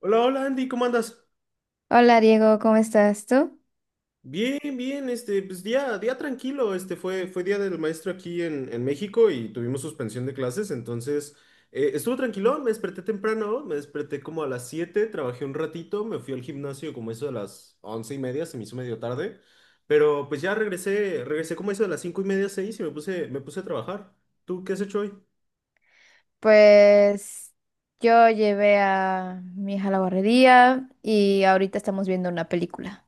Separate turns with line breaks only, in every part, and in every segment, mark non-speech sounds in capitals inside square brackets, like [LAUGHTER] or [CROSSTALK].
Hola, hola Andy, ¿cómo andas?
Hola Diego, ¿cómo estás tú?
Bien, bien, pues día tranquilo, fue día del maestro aquí en México y tuvimos suspensión de clases, entonces estuvo tranquilo, me desperté temprano, me desperté como a las 7, trabajé un ratito, me fui al gimnasio como eso de las 11:30, se me hizo medio tarde, pero pues ya regresé como eso de las 5:30, 6 y me puse a trabajar. ¿Tú qué has hecho hoy?
Pues yo llevé a mi hija a la barrería y ahorita estamos viendo una película.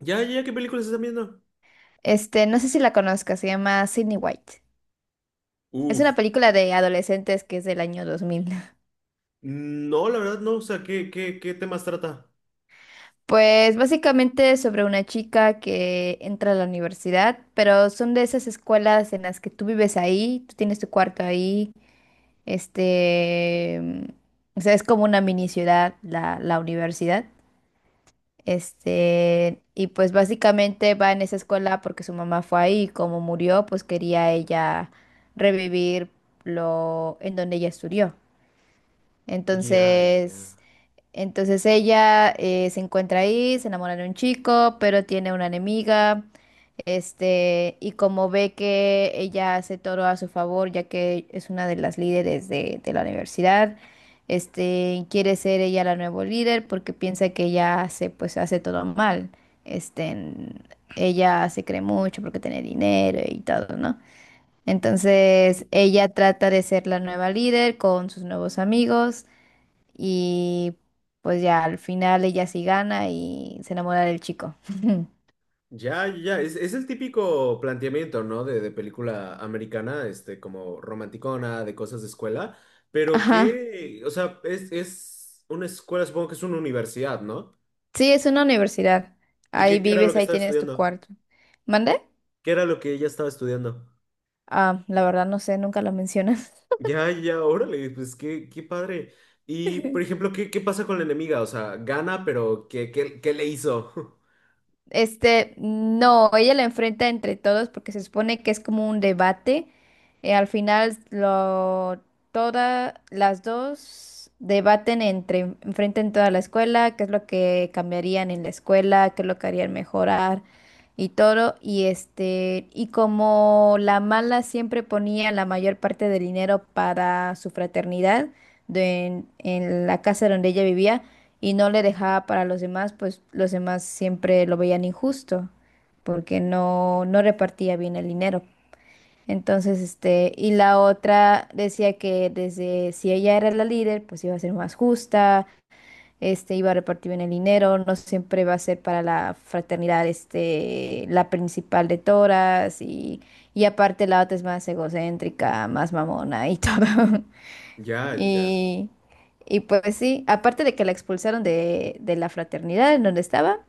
Ya, ya, ¿qué películas están viendo?
No sé si la conozcas, se llama Sydney White. Es una
Uf,
película de adolescentes que es del año 2000. [LAUGHS]
no, la verdad no, o sea, ¿qué temas trata?
Pues básicamente es sobre una chica que entra a la universidad, pero son de esas escuelas en las que tú vives ahí, tú tienes tu cuarto ahí, este, o sea, es como una mini ciudad, la universidad. Y pues básicamente va en esa escuela porque su mamá fue ahí, y como murió, pues quería ella revivir lo en donde ella estudió.
Ya, ya.
Entonces, ella se encuentra ahí, se enamora de un chico, pero tiene una enemiga. Y como ve que ella hace todo a su favor, ya que es una de las líderes de la universidad, quiere ser ella la nueva líder porque piensa que ella hace, pues, hace todo mal. Este, Ella se cree mucho porque tiene dinero y todo, ¿no? Entonces ella trata de ser la nueva líder con sus nuevos amigos y pues ya al final ella sí gana y se enamora del chico. [LAUGHS]
Ya, ya, es el típico planteamiento, ¿no? De película americana, como romanticona, de cosas de escuela, pero
Ajá.
que, o sea, es una escuela, supongo que es una universidad, ¿no?
Sí, es una universidad.
¿Y
Ahí
qué era lo
vives,
que
ahí
estaba
tienes tu
estudiando?
cuarto. ¿Mande?
¿Qué era lo que ella estaba estudiando?
Ah, la verdad no sé, nunca lo mencionas.
Ya, ya, órale, pues qué padre. Y, por
[LAUGHS]
ejemplo, ¿qué pasa con la enemiga? O sea, gana, pero ¿qué le hizo? [LAUGHS]
No, ella la enfrenta entre todos porque se supone que es como un debate. Al final, todas las dos debaten entre, enfrentan toda la escuela, qué es lo que cambiarían en la escuela, qué es lo que harían mejorar y todo. Y y como la mala siempre ponía la mayor parte del dinero para su fraternidad en la casa donde ella vivía y no le dejaba para los demás, pues los demás siempre lo veían injusto porque no repartía bien el dinero. Entonces, y la otra decía que desde si ella era la líder, pues iba a ser más justa, iba a repartir bien el dinero, no siempre va a ser para la fraternidad, la principal de todas y aparte la otra es más egocéntrica, más mamona y todo. [LAUGHS]
Ya, ya,
Y, y pues sí, aparte de que la expulsaron de la fraternidad en donde estaba,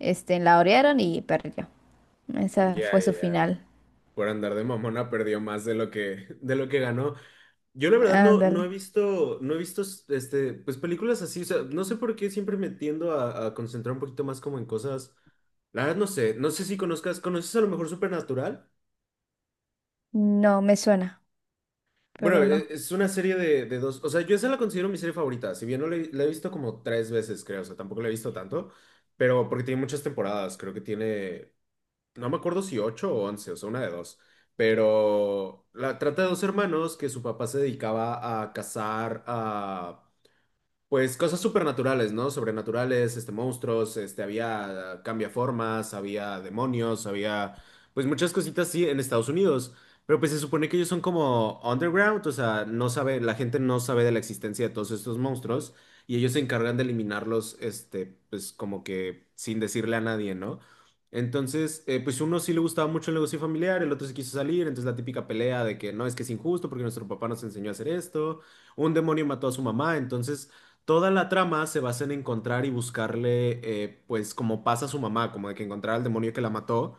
la orearon y perdió. Esa
ya,
fue
ya.
su
ya.
final.
Por andar de mamona perdió más de lo que ganó. Yo la verdad no, no he
Ándale.
visto, no he visto pues películas así, o sea, no sé por qué siempre me tiendo a concentrar un poquito más como en cosas. La verdad no sé si conozcas, ¿conoces a lo mejor Supernatural?
No, me suena,
Bueno,
pero no.
es una serie de dos, o sea, yo esa la considero mi serie favorita, si bien no la, he la he visto como tres veces, creo, o sea, tampoco la he visto tanto, pero porque tiene muchas temporadas, creo que tiene, no me acuerdo si ocho o 11, o sea, una de dos, pero la trata de dos hermanos que su papá se dedicaba a cazar a pues cosas supernaturales, ¿no? Sobrenaturales, monstruos, había cambiaformas, había demonios, había, pues muchas cositas, sí, en Estados Unidos. Pero pues se supone que ellos son como underground, o sea, la gente no sabe de la existencia de todos estos monstruos y ellos se encargan de eliminarlos, pues como que sin decirle a nadie, ¿no? Entonces, pues uno sí le gustaba mucho el negocio familiar, el otro se quiso salir, entonces la típica pelea de que no, es que es injusto porque nuestro papá nos enseñó a hacer esto, un demonio mató a su mamá, entonces... Toda la trama se basa en encontrar y buscarle, pues, como pasa a su mamá, como de que encontrar al demonio que la mató.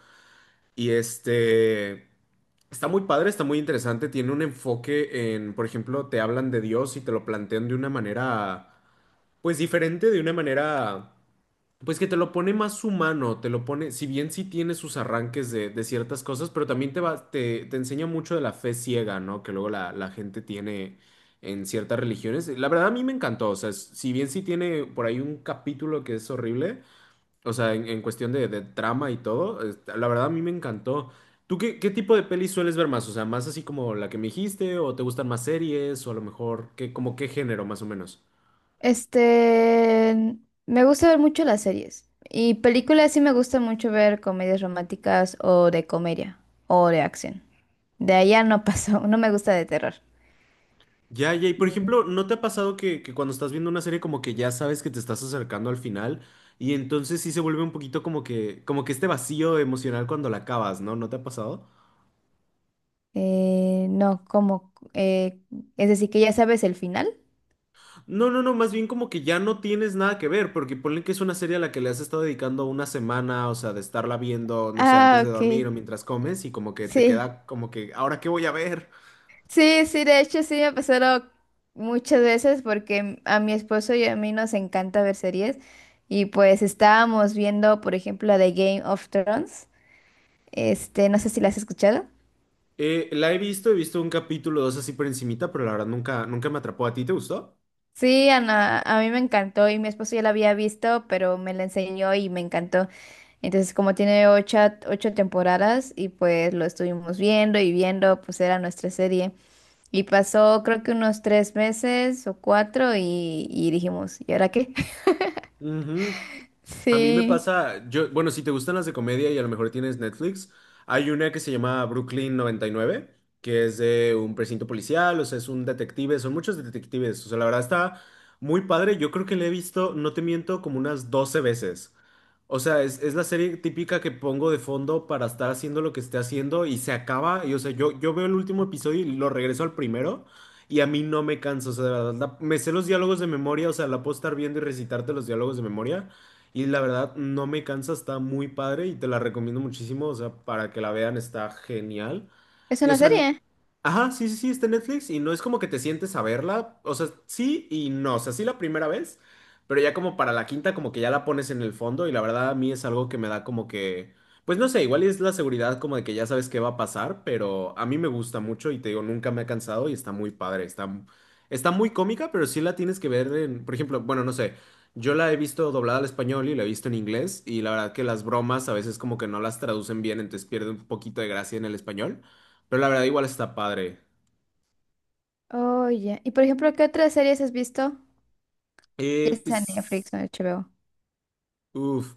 Y este... Está muy padre, está muy interesante. Tiene un enfoque en, por ejemplo, te hablan de Dios y te lo plantean de una manera, pues diferente, de una manera. Pues que te lo pone más humano, te lo pone, si bien sí tiene sus arranques de ciertas cosas, pero también te enseña mucho de la fe ciega, ¿no? Que luego la gente tiene en ciertas religiones. La verdad a mí me encantó, o sea, si bien sí tiene por ahí un capítulo que es horrible, o sea, en cuestión de trama y todo, la verdad a mí me encantó. ¿Tú qué tipo de pelis sueles ver más? O sea, más así como la que me dijiste, o te gustan más series, o a lo mejor, como qué género más o menos?
Este, Me gusta ver mucho las series. Y películas sí me gusta mucho ver comedias románticas o de comedia o de acción. De allá no pasó, [LAUGHS] no me gusta de terror.
Ya, ya, y por
Mm.
ejemplo, ¿no te ha pasado que cuando estás viendo una serie como que ya sabes que te estás acercando al final y entonces sí se vuelve un poquito como que este vacío emocional cuando la acabas, ¿no? ¿No te ha pasado?
No, como, Es decir, que ya sabes el final.
No, no, no, más bien como que ya no tienes nada que ver, porque ponle que es una serie a la que le has estado dedicando una semana, o sea, de estarla viendo, no sé, antes
Ah,
de
ok.
dormir o
Y-
mientras comes y como que te
Sí,
queda como que, ¿ahora qué voy a ver?
sí, sí, de hecho sí me ha pasado muchas veces porque a mi esposo y a mí nos encanta ver series y pues estábamos viendo, por ejemplo, la de Game of Thrones. No sé si la has escuchado.
La he visto un capítulo o dos así por encimita, pero la verdad nunca, nunca me atrapó. ¿A ti te gustó?
Sí, Ana, a mí me encantó y mi esposo ya la había visto, pero me la enseñó y me encantó. Entonces, como tiene ocho temporadas y pues lo estuvimos viendo y viendo, pues era nuestra serie. Y pasó creo que unos tres meses o cuatro y dijimos, ¿y ahora qué? [LAUGHS]
Ujú. A mí me
Sí,
pasa, bueno, si te gustan las de comedia y a lo mejor tienes Netflix, hay una que se llama Brooklyn 99, que es de un precinto policial, o sea, es un detective, son muchos detectives, o sea, la verdad está muy padre, yo creo que la he visto, no te miento, como unas 12 veces. O sea, es la serie típica que pongo de fondo para estar haciendo lo que esté haciendo y se acaba, y o sea, yo veo el último episodio y lo regreso al primero. Y a mí no me canso, o sea, de verdad, me sé los diálogos de memoria, o sea, la puedo estar viendo y recitarte los diálogos de memoria. Y la verdad, no me cansa, está muy padre y te la recomiendo muchísimo. O sea, para que la vean, está genial.
es
Y o
una
sea,
serie.
ajá, sí, sí, sí, está en Netflix y no es como que te sientes a verla. O sea, sí y no. O sea, sí la primera vez, pero ya como para la quinta, como que ya la pones en el fondo. Y la verdad, a mí es algo que me da como que. Pues no sé, igual es la seguridad como de que ya sabes qué va a pasar, pero a mí me gusta mucho y te digo, nunca me ha cansado y está muy padre. Está muy cómica, pero sí la tienes que ver en, por ejemplo, bueno, no sé. Yo la he visto doblada al español y la he visto en inglés y la verdad que las bromas a veces como que no las traducen bien, entonces pierde un poquito de gracia en el español, pero la verdad igual está padre.
Oh, ya. Y por ejemplo, ¿qué otras series has visto? Ya
Eh,
sea en Netflix
pues,
o en HBO.
uff,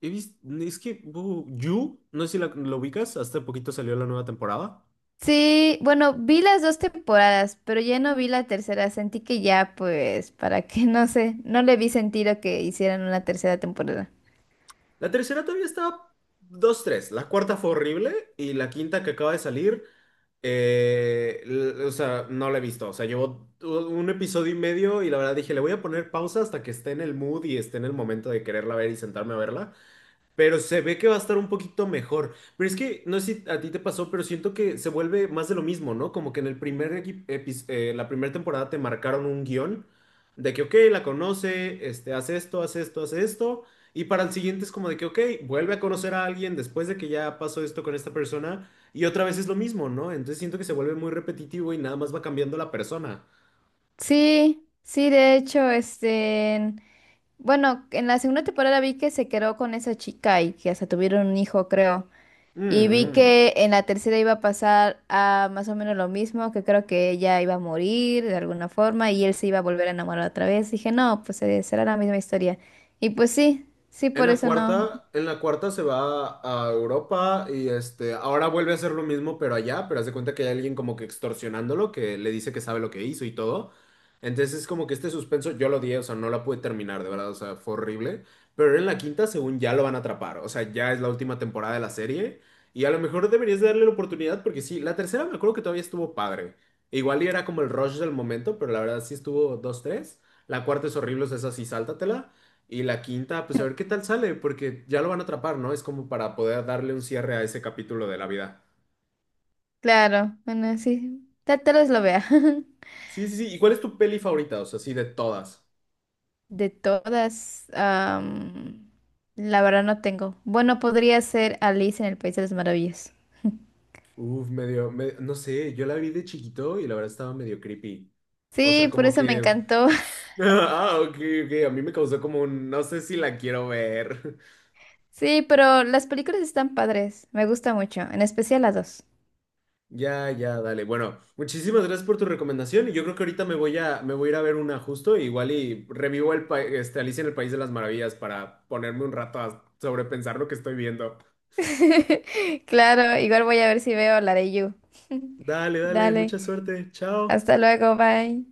he visto, es que You, no sé si lo ubicas, hasta poquito salió la nueva temporada.
Sí, bueno, vi las dos temporadas, pero ya no vi la tercera. Sentí que ya, pues, para qué, [LAUGHS] no sé, no le vi sentido que hicieran una tercera temporada.
La tercera todavía está dos tres, la cuarta fue horrible y la quinta que acaba de salir. O sea, no la he visto. O sea, llevo un episodio y medio y la verdad dije, le voy a poner pausa hasta que esté en el mood y esté en el momento de quererla ver y sentarme a verla. Pero se ve que va a estar un poquito mejor. Pero es que, no sé si a ti te pasó, pero siento que se vuelve más de lo mismo, ¿no? Como que en el primer la primera temporada te marcaron un guión de que, ok, la conoce, hace esto, hace esto, hace esto. Y para el siguiente es como de que, ok, vuelve a conocer a alguien después de que ya pasó esto con esta persona. Y otra vez es lo mismo, ¿no? Entonces siento que se vuelve muy repetitivo y nada más va cambiando la persona.
Sí, sí, de hecho, bueno, en la segunda temporada vi que se quedó con esa chica y que hasta tuvieron un hijo, creo.
Mm.
Y vi
Mm.
que en la tercera iba a pasar a más o menos lo mismo, que creo que ella iba a morir de alguna forma y él se iba a volver a enamorar otra vez. Dije, no, pues será la misma historia. Y pues sí, sí,
En
por
la
eso no.
cuarta, en la cuarta se va a Europa y ahora vuelve a hacer lo mismo, pero allá, pero hace cuenta que hay alguien como que extorsionándolo, que le dice que sabe lo que hizo y todo. Entonces es como que este suspenso yo lo odié, o sea, no la pude terminar, de verdad, o sea, fue horrible. Pero en la quinta, según ya lo van a atrapar, o sea, ya es la última temporada de la serie y a lo mejor deberías darle la oportunidad porque sí, la tercera me acuerdo que todavía estuvo padre. Igual y era como el rush del momento, pero la verdad sí estuvo dos tres. La cuarta es horrible, o sea, esa sí, sáltatela. Y la quinta, pues a ver qué tal sale, porque ya lo van a atrapar, ¿no? Es como para poder darle un cierre a ese capítulo de la vida.
Claro, bueno, sí, tal vez lo vea. [LAUGHS]
Sí, sí, sí. ¿Y cuál es tu peli favorita? O sea, sí, de todas.
De todas, la verdad no tengo. Bueno, podría ser Alice en el País de las Maravillas.
Uf, medio, no sé, yo la vi de chiquito y la verdad estaba medio creepy. O sea,
Sí, por
como
eso me
que... [LAUGHS]
encantó. [LAUGHS]
Ah, ok, ok, a mí me causó como un... No sé si la quiero ver.
Sí, pero las películas están padres. Me gusta mucho, en especial las dos.
Ya, ya, dale. Bueno, muchísimas gracias por tu recomendación. Y yo creo que ahorita me voy a ir a ver una justo, igual y revivo el Alicia en el País de las Maravillas para ponerme un rato a sobrepensar lo que estoy viendo.
[LAUGHS] Claro, igual voy a ver si veo la de You.
Dale, dale,
Dale,
mucha suerte. Chao.
hasta luego, bye.